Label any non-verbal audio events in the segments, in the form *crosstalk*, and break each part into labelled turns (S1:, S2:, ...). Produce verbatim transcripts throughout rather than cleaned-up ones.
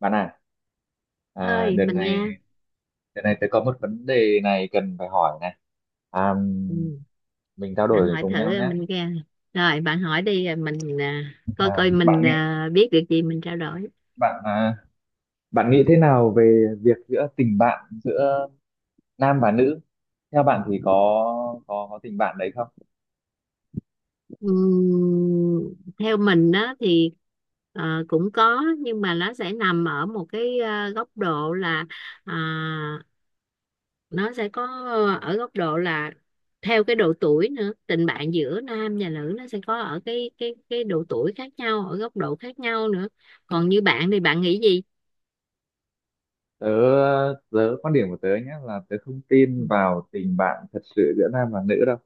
S1: Bạn à, à
S2: Ơi,
S1: đợt
S2: mình
S1: này
S2: nghe.
S1: đợt này tôi có một vấn đề này cần phải hỏi này. À,
S2: Ừ.
S1: mình trao
S2: Bạn
S1: đổi
S2: hỏi
S1: cùng nhau
S2: thử
S1: nhé.
S2: mình nghe, rồi bạn hỏi đi rồi mình à, coi
S1: À,
S2: coi
S1: bạn
S2: mình
S1: nghĩ
S2: à, biết được gì mình trao đổi.
S1: bạn à, Bạn nghĩ thế nào về việc giữa tình bạn giữa nam và nữ? Theo bạn thì có có có tình bạn đấy không?
S2: Ừm, theo mình đó thì ờ, cũng có, nhưng mà nó sẽ nằm ở một cái ờ, góc độ là à, nó sẽ có ở góc độ là theo cái độ tuổi nữa. Tình bạn giữa nam và nữ nó sẽ có ở cái cái cái độ tuổi khác nhau, ở góc độ khác nhau nữa. Còn như bạn thì bạn nghĩ gì?
S1: Tớ tớ quan điểm của tớ nhé là tớ không tin vào tình bạn thật sự giữa nam và nữ đâu.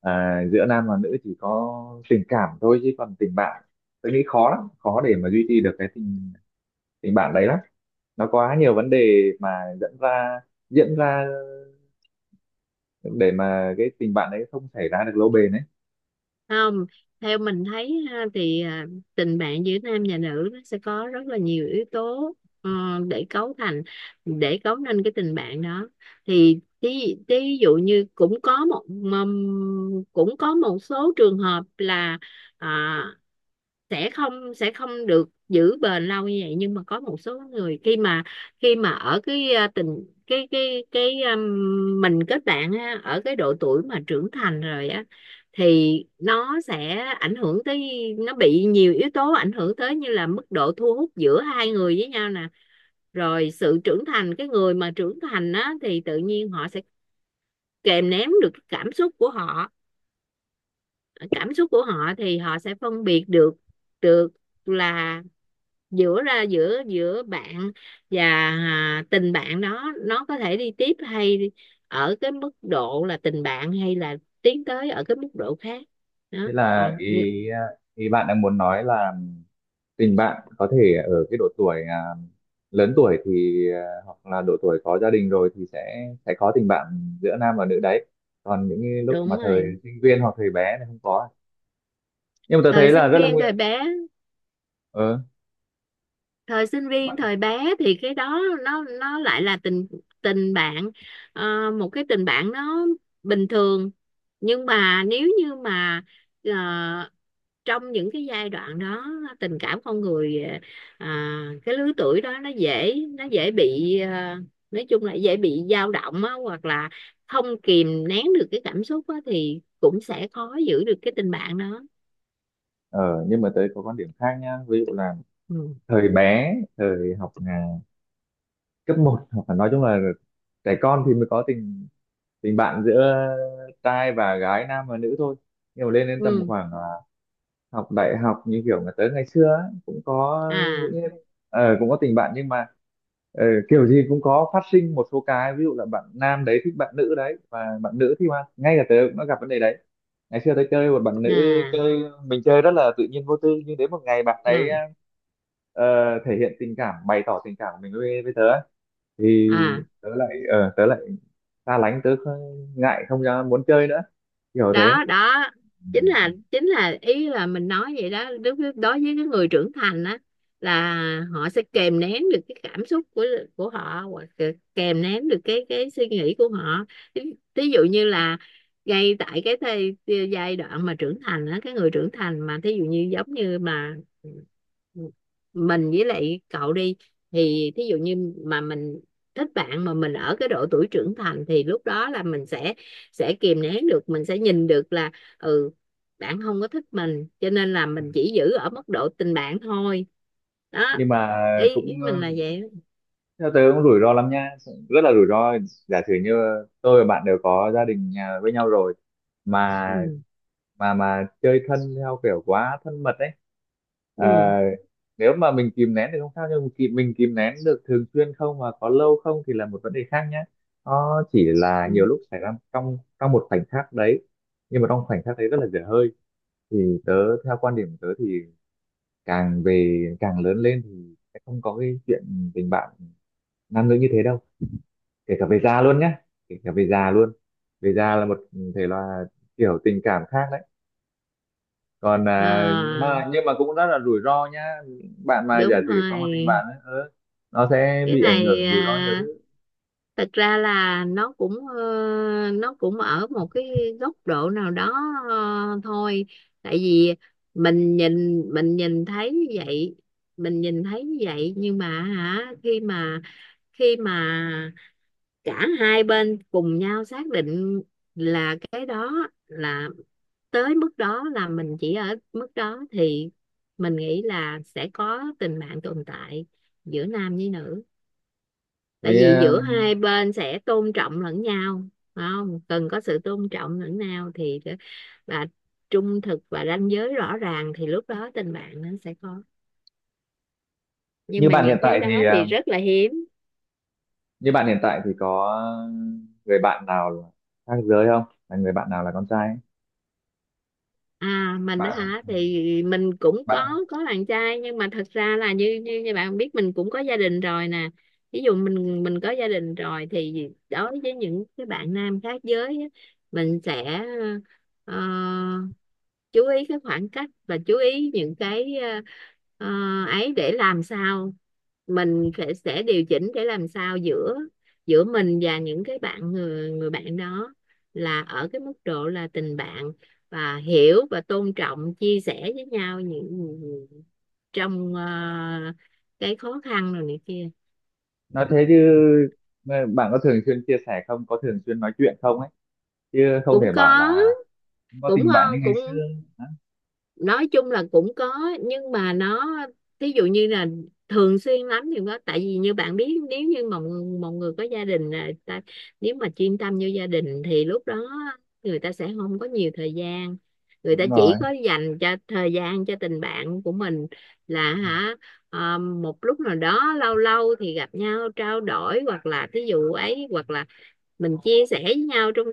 S1: À, giữa nam và nữ chỉ có tình cảm thôi, chứ còn tình bạn tớ nghĩ khó lắm, khó để mà duy trì được cái tình tình bạn đấy lắm. Nó quá nhiều vấn đề mà dẫn ra diễn ra để mà cái tình bạn đấy không xảy ra được lâu bền ấy.
S2: Không, theo mình thấy ha, thì à, tình bạn giữa nam và nữ nó sẽ có rất là nhiều yếu tố ờ, để cấu thành, để cấu nên cái tình bạn đó. Thì thí, thí dụ như cũng có một mầm- cũng có một số trường hợp là à, sẽ không sẽ không được giữ bền lâu như vậy, nhưng mà có một số người khi mà khi mà ở cái à, tình cái cái cái um, mình kết bạn á, ở cái độ tuổi mà trưởng thành rồi á, thì nó sẽ ảnh hưởng tới, nó bị nhiều yếu tố ảnh hưởng tới, như là mức độ thu hút giữa hai người với nhau nè, rồi sự trưởng thành. Cái người mà trưởng thành á thì tự nhiên họ sẽ kìm nén được cảm xúc của họ. Cảm xúc của họ thì họ sẽ phân biệt được được là giữa ra giữa giữa bạn và à, tình bạn đó, nó có thể đi tiếp hay ở cái mức độ là tình bạn, hay là tiến tới ở cái mức độ khác. Đó,
S1: Thế là
S2: còn
S1: ý
S2: như-
S1: ý bạn đang muốn nói là tình bạn có thể ở cái độ tuổi à, lớn tuổi thì à, hoặc là độ tuổi có gia đình rồi thì sẽ sẽ có tình bạn giữa nam và nữ đấy, còn những cái lúc
S2: đúng
S1: mà thời
S2: rồi.
S1: sinh viên hoặc thời bé thì không có. Nhưng mà tôi
S2: Thời
S1: thấy là
S2: sinh
S1: rất là bạn
S2: viên,
S1: nguy.
S2: thời bé,
S1: ờ
S2: thời sinh viên thời bé thì cái đó nó nó lại là tình tình bạn. Ờ, một cái tình bạn nó bình thường, nhưng mà nếu như mà ờ, trong những cái giai đoạn đó, tình cảm con người, à, cái lứa tuổi đó nó dễ nó dễ bị, à, nói chung là dễ bị dao động á, hoặc là không kìm nén được cái cảm xúc á, thì cũng sẽ khó giữ được cái tình bạn đó.
S1: ờ nhưng mà tới có quan điểm khác nhá, ví dụ là
S2: Ừ.
S1: thời bé, thời học à, cấp một hoặc là nói chung là trẻ con thì mới có tình tình bạn giữa trai và gái, nam và nữ thôi. Nhưng mà lên đến tầm
S2: Ừ.
S1: khoảng à, học đại học như kiểu mà tới ngày xưa ấy, cũng có
S2: À,
S1: những ờ, cũng có tình bạn nhưng mà ờ, kiểu gì cũng có phát sinh một số cái, ví dụ là bạn nam đấy thích bạn nữ đấy, và bạn nữ thì mà ngay cả tớ cũng đã gặp vấn đề đấy. Ngày xưa tớ chơi một bạn nữ,
S2: à,
S1: chơi mình chơi rất là tự nhiên vô tư, nhưng đến một ngày bạn ấy
S2: à,
S1: ờ, thể hiện tình cảm, bày tỏ tình cảm của mình với với tớ, thì
S2: à.
S1: tớ lại ờ tớ lại xa lánh, tớ kh- ngại không ra muốn chơi nữa, kiểu thế.
S2: Đó, đó chính là chính là ý là mình nói vậy đó. Đối với, đối với cái người trưởng thành á, là họ sẽ kìm nén được cái cảm xúc của của họ, hoặc là kìm nén được cái cái suy nghĩ của họ. Ví Ví dụ như là ngay tại cái thời, giai đoạn mà trưởng thành á, cái người trưởng thành mà thí dụ như giống như mà mình với lại cậu đi, thì thí dụ như mà mình thích bạn, mà mình ở cái độ tuổi trưởng thành, thì lúc đó là mình sẽ sẽ kìm nén được. Mình sẽ nhìn được là ừ, bạn không có thích mình, cho nên là mình chỉ giữ ở mức độ tình bạn thôi. Đó,
S1: Nhưng mà
S2: ý ý
S1: cũng
S2: mình
S1: ờ,
S2: là vậy.
S1: theo tớ cũng rủi ro lắm nha, rất là rủi ro. Giả sử như tôi và bạn đều có gia đình nhà với nhau rồi, mà
S2: Ừ,
S1: mà mà chơi thân theo kiểu quá thân mật ấy. Ờ,
S2: ừ,
S1: Nếu mà mình kìm nén thì không sao, nhưng mà kìm, mình kìm nén được thường xuyên không và có lâu không thì là một vấn đề khác nhé. Nó chỉ là
S2: ừ.
S1: nhiều lúc xảy ra trong trong một khoảnh khắc đấy, nhưng mà trong khoảnh khắc đấy rất là dở hơi. Thì tớ, theo quan điểm của tớ thì càng về càng lớn lên thì sẽ không có cái chuyện tình bạn nam nữ như thế đâu, kể cả về già luôn nhá. Kể cả về già luôn. Về già là một thể loại kiểu tình cảm khác đấy. Còn
S2: Ờ,
S1: à, mà nhưng mà cũng rất là rủi ro nhá. Bạn mà giả
S2: đúng
S1: sử có một tình
S2: rồi.
S1: bạn ấy, ờ, nó sẽ
S2: Cái
S1: bị ảnh
S2: này
S1: hưởng rủi ro nhiều
S2: à,
S1: thứ.
S2: thật ra là nó cũng ờ, nó cũng ở một cái góc độ nào đó ờ, thôi. Tại vì mình nhìn, mình nhìn thấy như vậy, mình nhìn thấy như vậy. Nhưng mà hả, khi mà khi mà cả hai bên cùng nhau xác định là cái đó là, tới mức đó là mình chỉ ở mức đó, thì mình nghĩ là sẽ có tình bạn tồn tại giữa nam với nữ. Tại
S1: Thế
S2: vì
S1: à,
S2: giữa hai bên sẽ tôn trọng lẫn nhau, phải không, cần có sự tôn trọng lẫn nhau thì, và trung thực và ranh giới rõ ràng, thì lúc đó tình bạn nó sẽ có. Nhưng
S1: như
S2: mà
S1: bạn hiện
S2: những cái
S1: tại thì
S2: đó thì
S1: à,
S2: rất là hiếm.
S1: như bạn hiện tại thì có người bạn nào là khác giới không, là người bạn nào là con trai ấy?
S2: À, mình á
S1: Bạn
S2: hả, thì mình cũng
S1: bạn
S2: có có bạn trai, nhưng mà thật ra là như như như bạn biết, mình cũng có gia đình rồi nè. Ví dụ mình, mình có gia đình rồi, thì đối với những cái bạn nam khác giới á, mình sẽ ờ, chú ý cái khoảng cách, và chú ý những cái ờ, ờ, ấy, để làm sao mình phải sẽ điều chỉnh để làm sao giữa, giữa mình và những cái bạn, người người bạn đó là ở cái mức độ là tình bạn, và hiểu và tôn trọng, chia sẻ với nhau những, trong ờ, cái khó khăn rồi này kia.
S1: Nói thế chứ, ờ, bạn có thường xuyên chia sẻ không, có thường xuyên nói chuyện không ấy, chứ không
S2: Cũng
S1: thể bảo
S2: có,
S1: là không có
S2: cũng
S1: tình bạn như
S2: ngon,
S1: ngày xưa.
S2: cũng
S1: Đó,
S2: nói chung là cũng có, nhưng mà nó, thí dụ như là thường xuyên lắm thì có. Tại vì như bạn biết, nếu như mà một, một người có gia đình là ta, nếu mà chuyên tâm vô gia đình thì lúc đó người ta sẽ không có nhiều thời gian, người ta
S1: đúng rồi,
S2: chỉ có dành cho thời gian cho tình bạn của mình là hả, à, một lúc nào đó lâu lâu thì gặp nhau trao đổi, hoặc là thí dụ ấy, hoặc là mình chia sẻ với nhau trong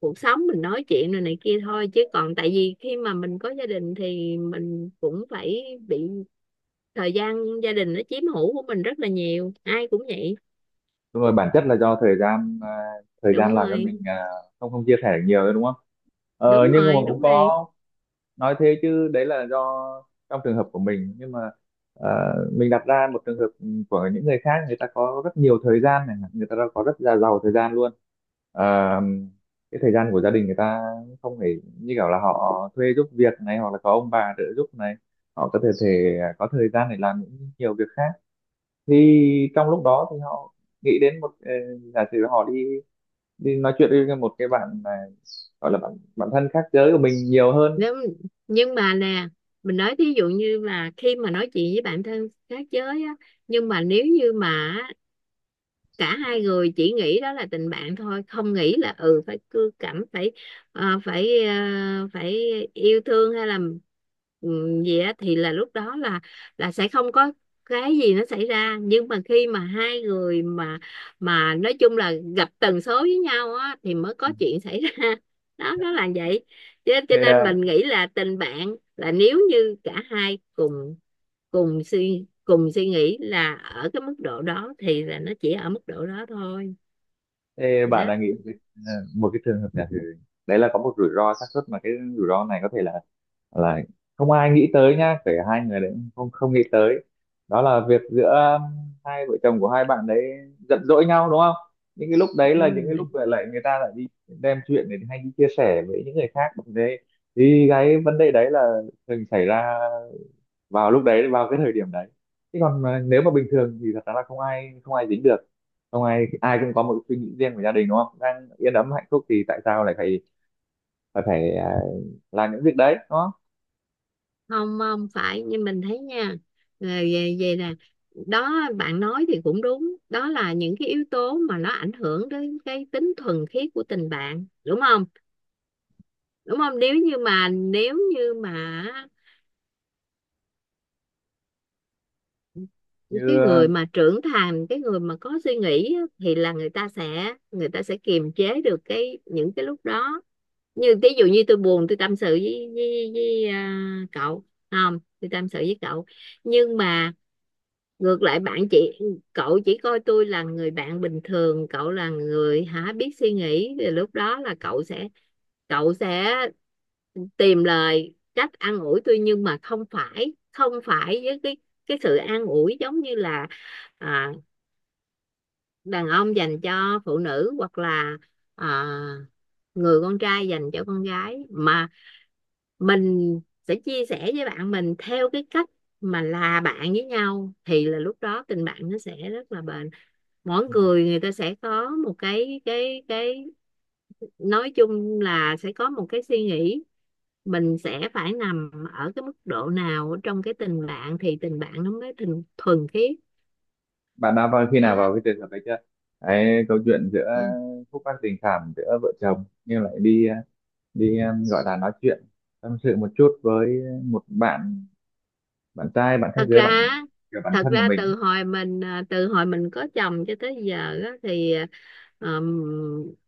S2: cuộc sống, mình nói chuyện rồi này kia thôi. Chứ còn tại vì khi mà mình có gia đình, thì mình cũng phải bị thời gian gia đình nó chiếm hữu của mình rất là nhiều, ai cũng vậy.
S1: đúng rồi, bản chất là do thời gian, à, thời
S2: Đúng
S1: gian làm cho
S2: rồi,
S1: mình à, không không chia sẻ được nhiều nữa đúng không. Ờ,
S2: đúng
S1: nhưng mà
S2: rồi,
S1: cũng
S2: đúng rồi.
S1: có. Nói thế chứ đấy là do trong trường hợp của mình, nhưng mà à, mình đặt ra một trường hợp của những người khác, người ta có rất nhiều thời gian này, người ta có rất là giàu thời gian luôn. Ờ, cái thời gian của gia đình người ta không phải như kiểu là họ thuê giúp việc này, hoặc là có ông bà trợ giúp này, họ có thể thể có thời gian để làm những nhiều việc khác. Thì trong lúc đó thì họ nghĩ đến một ờ, giả sử họ đi đi nói chuyện với một cái bạn mà gọi là bạn bạn thân khác giới của mình nhiều hơn.
S2: nếu nhưng mà nè, mình nói thí dụ như là khi mà nói chuyện với bạn thân khác giới á, nhưng mà nếu như mà cả hai người chỉ nghĩ đó là tình bạn thôi, không nghĩ là ừ phải cưa cẩm, phải ờ, phải ờ, phải yêu thương, hay là ừ, gì á, thì là lúc đó là, là sẽ không có cái gì nó xảy ra. Nhưng mà khi mà hai người mà, mà nói chung là gặp tần số với nhau á, thì mới có chuyện xảy ra *laughs* đó, nó là vậy. Cho, cho
S1: Thì,
S2: nên
S1: ờ,
S2: mình nghĩ là tình bạn là nếu như cả hai cùng cùng suy cùng suy nghĩ là ở cái mức độ đó, thì là nó chỉ ở mức độ đó thôi.
S1: thì
S2: Đó.
S1: bạn đã nghĩ một cái, ờ, một cái trường hợp giả sử đấy là có một rủi ro xác suất, mà cái rủi ro này có thể là là không ai nghĩ tới nha, kể hai người đấy cũng không không nghĩ tới. Đó là việc giữa um, hai vợ chồng của hai bạn đấy giận dỗi nhau đúng không, những cái lúc đấy là những cái lúc
S2: Ừ.
S1: lại lại người ta lại đi đem chuyện này hay đi chia sẻ với những người khác bằng thế. Thì cái vấn đề đấy là thường xảy ra vào lúc đấy, vào cái thời điểm đấy, chứ còn mà nếu mà bình thường thì thật ra là không ai không ai dính được. Không ai, ai cũng có một suy nghĩ riêng của gia đình đúng không, đang yên ấm hạnh phúc thì tại sao lại phải phải phải à, làm những việc đấy đúng không.
S2: Không, không phải như mình thấy nha, là về về là, đó bạn nói thì cũng đúng, đó là những cái yếu tố mà nó ảnh hưởng đến cái tính thuần khiết của tình bạn, đúng không, đúng không? Nếu như mà nếu như mà cái
S1: Như
S2: người mà trưởng thành, cái người mà có suy nghĩ á, thì là người ta sẽ, người ta sẽ kiềm chế được cái những cái lúc đó. Như ví dụ như tôi buồn, tôi tâm sự với, với, với à, cậu. Không, tôi tâm sự với cậu, nhưng mà ngược lại bạn, chị, cậu chỉ coi tôi là người bạn bình thường, cậu là người hả biết suy nghĩ, thì lúc đó là cậu sẽ, cậu sẽ tìm lời, cách an ủi tôi, nhưng mà không phải, không phải với cái, cái sự an ủi giống như là à, đàn ông dành cho phụ nữ, hoặc là à, người con trai dành cho con gái, mà mình sẽ chia sẻ với bạn mình theo cái cách mà là bạn với nhau, thì là lúc đó tình bạn nó sẽ rất là bền. Mỗi
S1: ừ.
S2: người, người ta sẽ có một cái, cái cái nói chung là sẽ có một cái suy nghĩ mình sẽ phải nằm ở cái mức độ nào trong cái tình bạn, thì tình bạn nó mới tình thuần khiết.
S1: Bạn đã vào khi
S2: Đó.
S1: nào vào cái trường hợp đấy chưa, cái câu chuyện giữa
S2: Ừ.
S1: khúc mắc tình cảm giữa vợ chồng nhưng lại đi ờ, đi um, gọi là nói chuyện tâm sự một chút với một bạn, bạn trai bạn khác
S2: thật
S1: giới bạn
S2: ra
S1: kiểu bạn
S2: Thật
S1: thân của
S2: ra
S1: mình ấy.
S2: từ hồi mình à, từ hồi mình có chồng cho tới giờ á, thì à, ờ,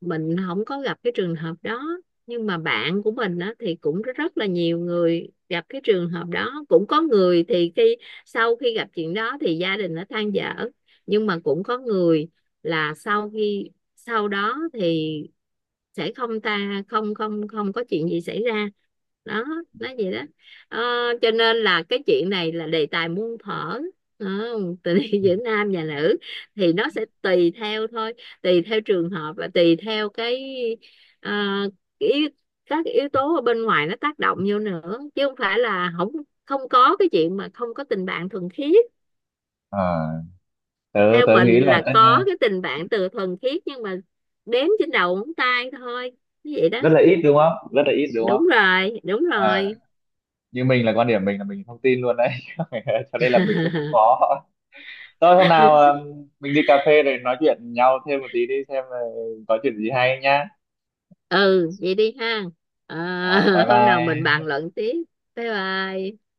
S2: mình không có gặp cái trường hợp đó. Nhưng mà bạn của mình á, thì cũng rất là nhiều người gặp cái trường hợp đó. Cũng có người thì khi, sau khi gặp chuyện đó thì gia đình nó than dở, nhưng mà cũng có người là sau khi, sau đó thì sẽ không ta không không không có chuyện gì xảy ra. Đó, nói vậy đó. Ờ, cho nên là cái chuyện này là đề tài muôn thuở. Đó, tình yêu *laughs* giữa nam và nữ thì nó sẽ tùy theo thôi, tùy theo trường hợp, và tùy theo cái ờ, cái yếu, các cái yếu tố ở bên ngoài nó tác động vô nữa, chứ không phải là không không có cái chuyện mà không có tình bạn thuần khiết.
S1: Ờ, tớ
S2: Theo
S1: Tớ nghĩ
S2: mình
S1: là
S2: là
S1: tất
S2: có
S1: nhiên-
S2: cái tình bạn từ thuần khiết, nhưng mà đếm trên đầu ngón tay thôi, như vậy đó.
S1: rất là ít đúng không, rất là ít đúng
S2: Đúng
S1: không.
S2: rồi, đúng
S1: Ờ,
S2: rồi.
S1: như mình là quan điểm mình là mình không tin luôn đấy *laughs* cho nên là mình sẽ không
S2: *laughs*
S1: có. Thôi hôm nào um, mình đi cà phê rồi nói chuyện nhau thêm một tí đi, xem là có chuyện gì hay nhá.
S2: Ừ, vậy đi ha. Ờ.
S1: Ờ, bye
S2: *laughs* Hôm nào mình
S1: bye.
S2: bàn luận tiếp. Bye bye.